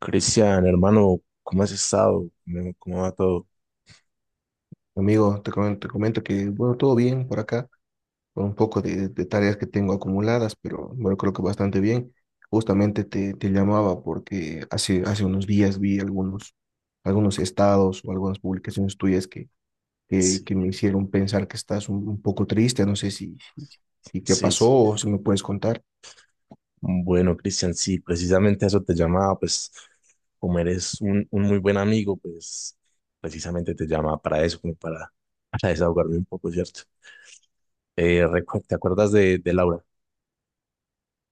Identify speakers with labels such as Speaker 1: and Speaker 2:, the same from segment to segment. Speaker 1: Cristian, hermano, ¿cómo has estado? ¿Cómo va todo?
Speaker 2: Amigo, te comento que, bueno, todo bien por acá, con un poco de tareas que tengo acumuladas, pero bueno, creo que bastante bien. Justamente te llamaba porque hace unos días vi algunos estados o algunas publicaciones tuyas que me
Speaker 1: Sí,
Speaker 2: hicieron pensar que estás un poco triste. No sé si te
Speaker 1: sí,
Speaker 2: pasó
Speaker 1: sí.
Speaker 2: o si me puedes contar.
Speaker 1: Bueno, Cristian, sí, precisamente a eso te llamaba, pues como eres un muy buen amigo, pues precisamente te llamaba para eso, como para, para desahogarme un poco, ¿cierto? ¿Te acuerdas de Laura?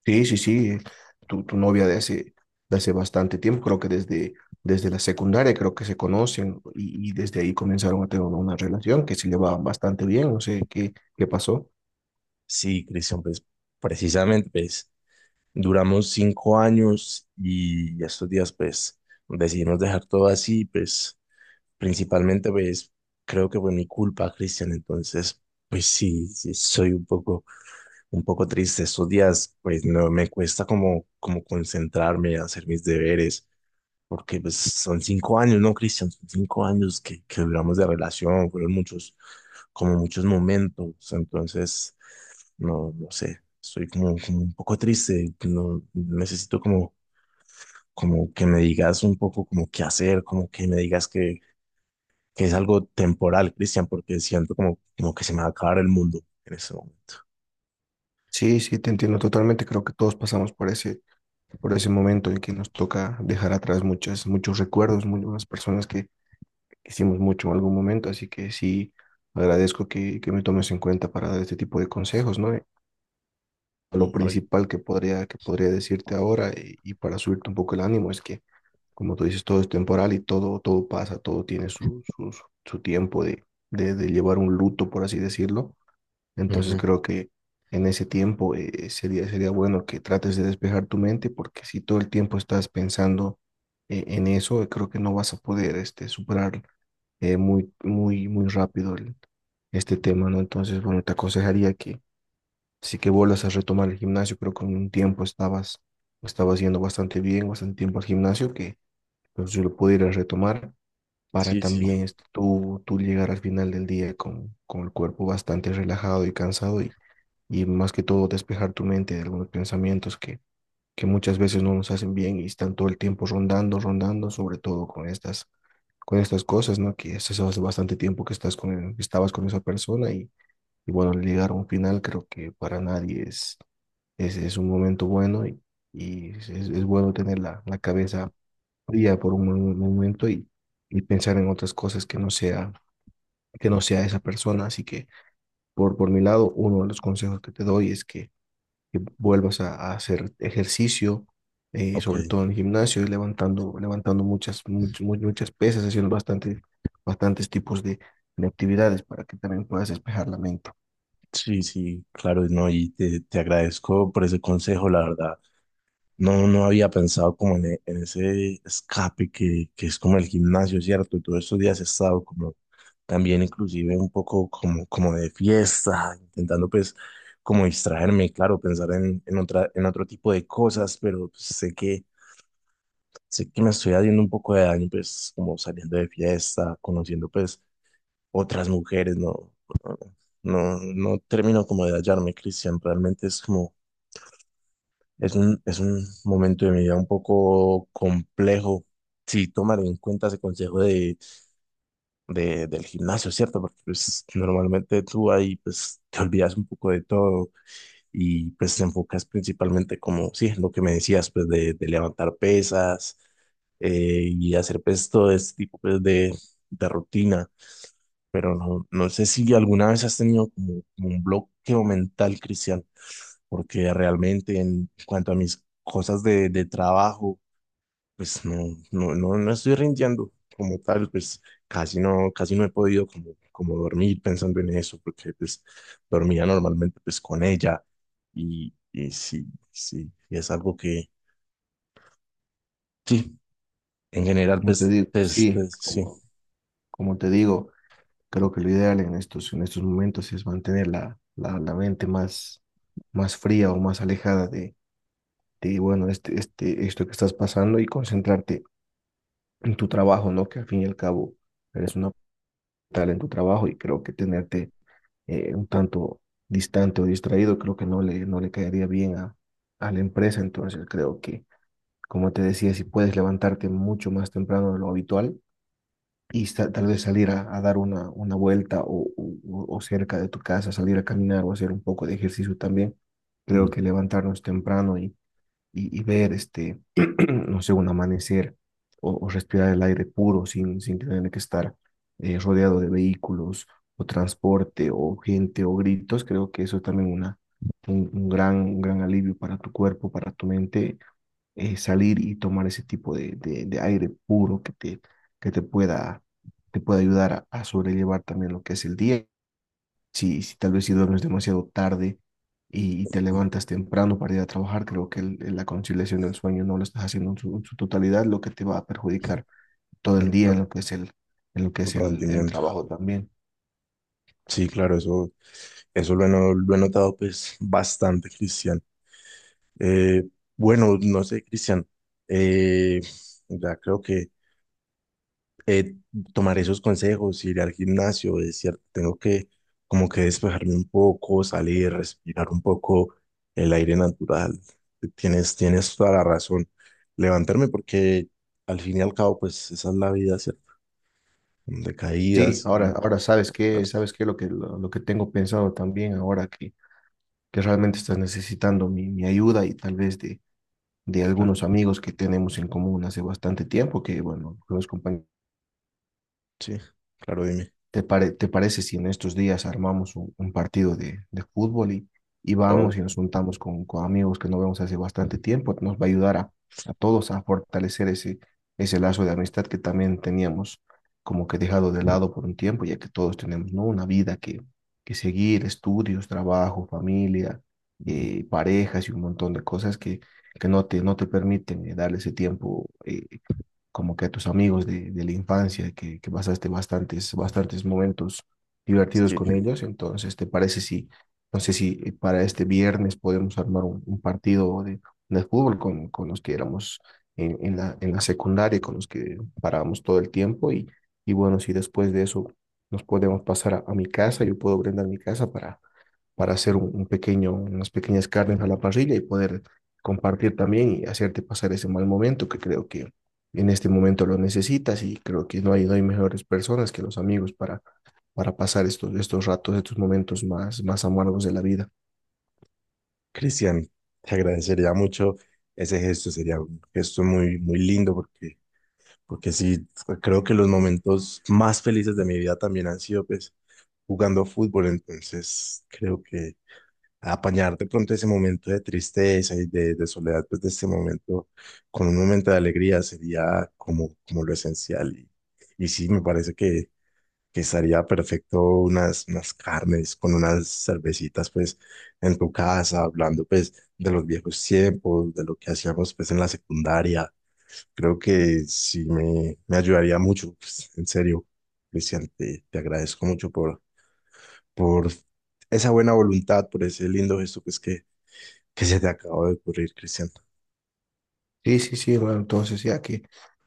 Speaker 2: Sí, sí, sí, tu novia de hace bastante tiempo, creo que desde la secundaria creo que se conocen y desde ahí comenzaron a tener una relación que se llevaba bastante bien, no sé qué, qué pasó.
Speaker 1: Sí, Cristian, pues precisamente, pues duramos 5 años y estos días, pues decidimos dejar todo así, pues principalmente, pues, creo que fue mi culpa, Cristian. Entonces, pues sí, sí, soy un poco triste. Estos días, pues, no me cuesta como concentrarme, hacer mis deberes, porque pues son 5 años, ¿no, Cristian? Son 5 años que duramos de relación, fueron muchos, como muchos momentos. Entonces, no sé, estoy como, como un poco triste. No, necesito como, como que me digas un poco como qué hacer, como que me digas que es algo temporal, Cristian, porque siento como, como que se me va a acabar el mundo en ese momento.
Speaker 2: Sí, sí, te entiendo totalmente, creo que todos pasamos por por ese momento en que nos toca dejar atrás muchas, muchos recuerdos, muchas personas que hicimos mucho en algún momento, así que sí, agradezco que me tomes en cuenta para dar este tipo de consejos, ¿no? Lo
Speaker 1: No, y-
Speaker 2: principal que podría decirte ahora y para subirte un poco el ánimo es que, como tú dices, todo es temporal y todo, todo pasa, todo tiene su, su, su tiempo de llevar un luto, por así decirlo. Entonces
Speaker 1: Ujú.
Speaker 2: creo que en ese tiempo sería bueno que trates de despejar tu mente porque si todo el tiempo estás pensando en eso, creo que no vas a poder este, superar muy rápido este tema, ¿no? Entonces, bueno, te aconsejaría que. Así que vuelvas a retomar el gimnasio. Creo que en un tiempo estabas yendo bastante bien, bastante tiempo al gimnasio, que pues, yo lo pudiera retomar para
Speaker 1: Sí, sí.
Speaker 2: también este, tú llegar al final del día con el cuerpo bastante relajado y cansado y más que todo despejar tu mente de algunos pensamientos que muchas veces no nos hacen bien y están todo el tiempo rondando, rondando, sobre todo con con estas cosas, ¿no? Que es eso hace bastante tiempo que estás con, estabas con esa persona y bueno, al llegar a un final creo que para nadie es un momento bueno y, bueno tener la cabeza fría por un momento y pensar en otras cosas que no sea esa persona. Así que por mi lado, uno de los consejos que te doy es que vuelvas a hacer ejercicio,
Speaker 1: Ok,
Speaker 2: sobre todo en el gimnasio, y levantando muchas pesas, haciendo bastante, bastantes tipos de actividades para que también puedas despejar la mente.
Speaker 1: sí, sí, claro, no, y te agradezco por ese consejo, la verdad. No, no había pensado como en ese escape que es como el gimnasio, ¿cierto? Y todos estos días he estado como también inclusive un poco como, como de fiesta, intentando pues como distraerme, claro, pensar en otra, en otro tipo de cosas, pero pues, sé que me estoy haciendo un poco de daño, pues, como saliendo de fiesta, conociendo, pues, otras mujeres, no, no termino como de hallarme, Cristian, realmente es como, es un momento de mi vida un poco complejo, si tomar en cuenta ese consejo de, del gimnasio, ¿cierto? Porque, pues, normalmente tú ahí, pues, te olvidas un poco de todo, y pues te enfocas principalmente como, sí, lo que me decías, pues de levantar pesas, y hacer pues todo este tipo pues de rutina, pero no, no sé si alguna vez has tenido como, como un bloqueo mental, Cristian, porque realmente en cuanto a mis cosas de trabajo, pues no, no, no estoy rindiendo como tal, pues casi no he podido como, como dormir pensando en eso, porque pues dormía normalmente pues con ella y sí, sí, y es algo que, sí, en general
Speaker 2: Como te
Speaker 1: pues,
Speaker 2: digo,
Speaker 1: pues,
Speaker 2: sí,
Speaker 1: pues, sí.
Speaker 2: como te digo. Creo que lo ideal en en estos momentos es mantener la mente más fría o más alejada de bueno, esto que estás pasando y concentrarte en tu trabajo, ¿no? Que al fin y al cabo eres una tal en tu trabajo y creo que tenerte un tanto distante o distraído creo que no le caería bien a la empresa. Entonces creo como te decía, si puedes levantarte mucho más temprano de lo habitual, y tal vez salir a dar una vuelta o cerca de tu casa, salir a caminar o hacer un poco de ejercicio también. Creo que
Speaker 1: Ujú.
Speaker 2: levantarnos temprano y, y ver este, no sé, un amanecer o respirar el aire puro sin tener que estar rodeado de vehículos o transporte o gente o gritos, creo que eso es también un un gran alivio para tu cuerpo, para tu mente salir y tomar ese tipo de aire puro que te pueda, te pueda ayudar a sobrellevar también lo que es el día. Si tal vez si duermes demasiado tarde y te levantas temprano para ir a trabajar, creo que la conciliación del sueño no lo estás haciendo en en su totalidad, lo que te va a perjudicar todo el
Speaker 1: Claro,
Speaker 2: día en
Speaker 1: claro.
Speaker 2: lo que es en lo que es el
Speaker 1: Rendimiento.
Speaker 2: trabajo también.
Speaker 1: Sí, claro, eso lo he, no- lo he notado pues bastante, Cristian. Eh, bueno, no sé, Cristian, eh, ya creo que eh, tomaré esos consejos, iré al gimnasio, es cierto, tengo que como que despejarme un poco, salir, respirar un poco el aire natural. Tienes, tienes toda la razón. Levantarme porque al fin y al cabo, pues esa es la vida, ¿cierto? De
Speaker 2: Sí,
Speaker 1: caídas y...
Speaker 2: ahora sabes qué, lo que tengo pensado también ahora que realmente estás necesitando mi ayuda y tal vez de
Speaker 1: Claro,
Speaker 2: algunos amigos que tenemos en común hace bastante tiempo, que bueno, los compañeros,
Speaker 1: sí, claro, dime.
Speaker 2: ¿ te parece si en estos días armamos un partido de fútbol y
Speaker 1: Oh,
Speaker 2: vamos y nos juntamos con amigos que no vemos hace bastante tiempo? Nos va a ayudar a todos a fortalecer ese lazo de amistad que también teníamos como que dejado de lado por un tiempo, ya que todos tenemos, ¿no? Una vida que seguir, estudios, trabajo, familia,
Speaker 1: ujú,
Speaker 2: parejas y un montón de cosas que no te permiten darle ese tiempo como que a tus amigos de la infancia, que pasaste bastantes, bastantes momentos divertidos
Speaker 1: sí.
Speaker 2: con ellos. Entonces, ¿te parece si, no sé si para este viernes podemos armar un partido de fútbol con los que éramos en, en la secundaria, con los que parábamos todo el tiempo? Y bueno, si después de eso nos podemos pasar a mi casa, yo puedo brindar mi casa para hacer un pequeño, unas pequeñas carnes a la parrilla y poder compartir también y hacerte pasar ese mal momento que creo que en este momento lo necesitas y creo que no hay mejores personas que los amigos para pasar estos ratos, estos momentos más amargos de la vida.
Speaker 1: Cristian, te agradecería mucho ese gesto, sería un gesto muy, muy lindo porque, porque sí, creo que los momentos más felices de mi vida también han sido pues jugando fútbol, entonces creo que apañar de pronto ese momento de tristeza y de soledad, pues de este momento con un momento de alegría sería como, como lo esencial y sí, me parece que estaría perfecto unas, unas carnes con unas cervecitas pues en tu casa, hablando pues de los viejos tiempos, de lo que hacíamos pues en la secundaria. Creo que sí me ayudaría mucho, pues, en serio, Cristian, te agradezco mucho por esa buena voluntad, por ese lindo gesto pues que se te acabó de ocurrir, Cristian.
Speaker 2: Sí, sí, sí, hermano. Entonces,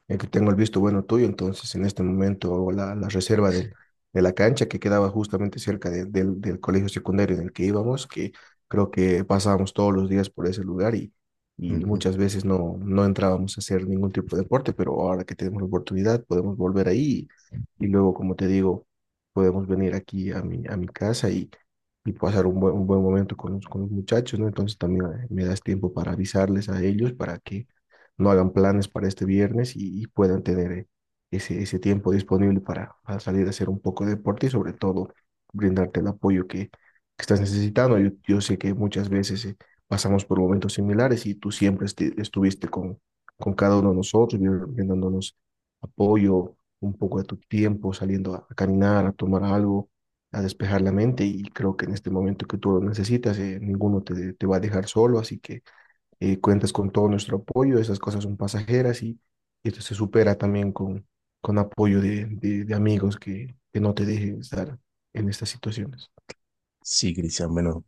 Speaker 2: ya que tengo el visto bueno tuyo, entonces en este momento hago la reserva de la cancha que quedaba justamente cerca del colegio secundario en el que íbamos, que creo que pasábamos todos los días por ese lugar y
Speaker 1: Ujú.
Speaker 2: muchas veces no entrábamos a hacer ningún tipo de deporte, pero ahora que tenemos la oportunidad podemos volver ahí y luego, como te digo, podemos venir aquí a mi casa y pasar un buen momento con los muchachos, ¿no? Entonces también me das tiempo para avisarles a ellos para que no hagan planes para este viernes y puedan tener ese tiempo disponible para salir a hacer un poco de deporte y sobre todo brindarte el apoyo que estás necesitando. Yo sé que muchas veces pasamos por momentos similares y tú siempre estuviste con cada uno de nosotros, brindándonos apoyo, un poco de tu tiempo, saliendo a caminar, a tomar algo, a despejar la mente y creo que en este momento que tú lo necesitas, ninguno te va a dejar solo, así que cuentas con todo nuestro apoyo, esas cosas son pasajeras y esto se supera también con apoyo de amigos que no te dejen estar en estas situaciones.
Speaker 1: Sí, Cristian, bueno,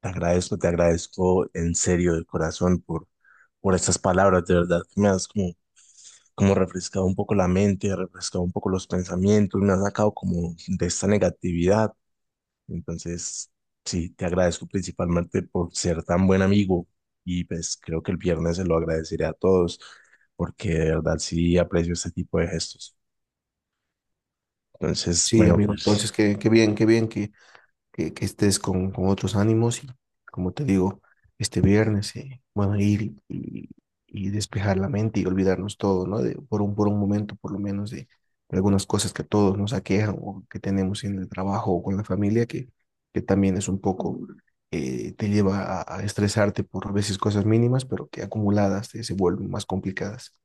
Speaker 1: te agradezco en serio de corazón por estas palabras, de verdad, que me das como como refrescado un poco la mente, refrescado un poco los pensamientos, me ha sacado como de esta negatividad. Entonces, sí, te agradezco principalmente por ser tan buen amigo y pues creo que el viernes se lo agradeceré a todos porque de verdad sí aprecio este tipo de gestos. Entonces,
Speaker 2: Sí,
Speaker 1: bueno,
Speaker 2: amigo,
Speaker 1: pues
Speaker 2: entonces qué, qué bien que estés con otros ánimos y, como te digo, este viernes, bueno, ir y despejar la mente y olvidarnos todo, ¿no? De, por un momento, por lo menos, de algunas cosas que a todos nos aquejan o que tenemos en el trabajo o con la familia, que también es un poco, te lleva a estresarte por a veces cosas mínimas, pero que acumuladas se vuelven más complicadas.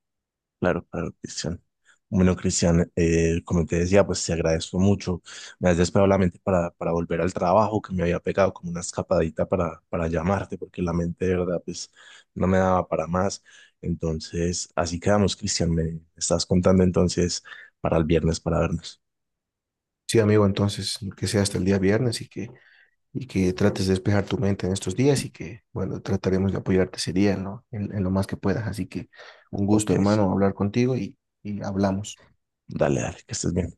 Speaker 1: claro, claro, Cristian. Bueno, Cristian, como te decía, pues te agradezco mucho. Me has despejado la mente para volver al trabajo, que me había pegado como una escapadita para llamarte, porque la mente de verdad, pues no me daba para más. Entonces, así quedamos, Cristian. Me estás contando entonces para el viernes para vernos.
Speaker 2: Sí, amigo, entonces, que sea hasta el día viernes y que trates de despejar tu mente en estos días y que, bueno, trataremos de apoyarte ese día en lo, en lo más que puedas. Así que un gusto,
Speaker 1: Ok,
Speaker 2: hermano, hablar contigo y hablamos.
Speaker 1: dale, dale, que estés bien.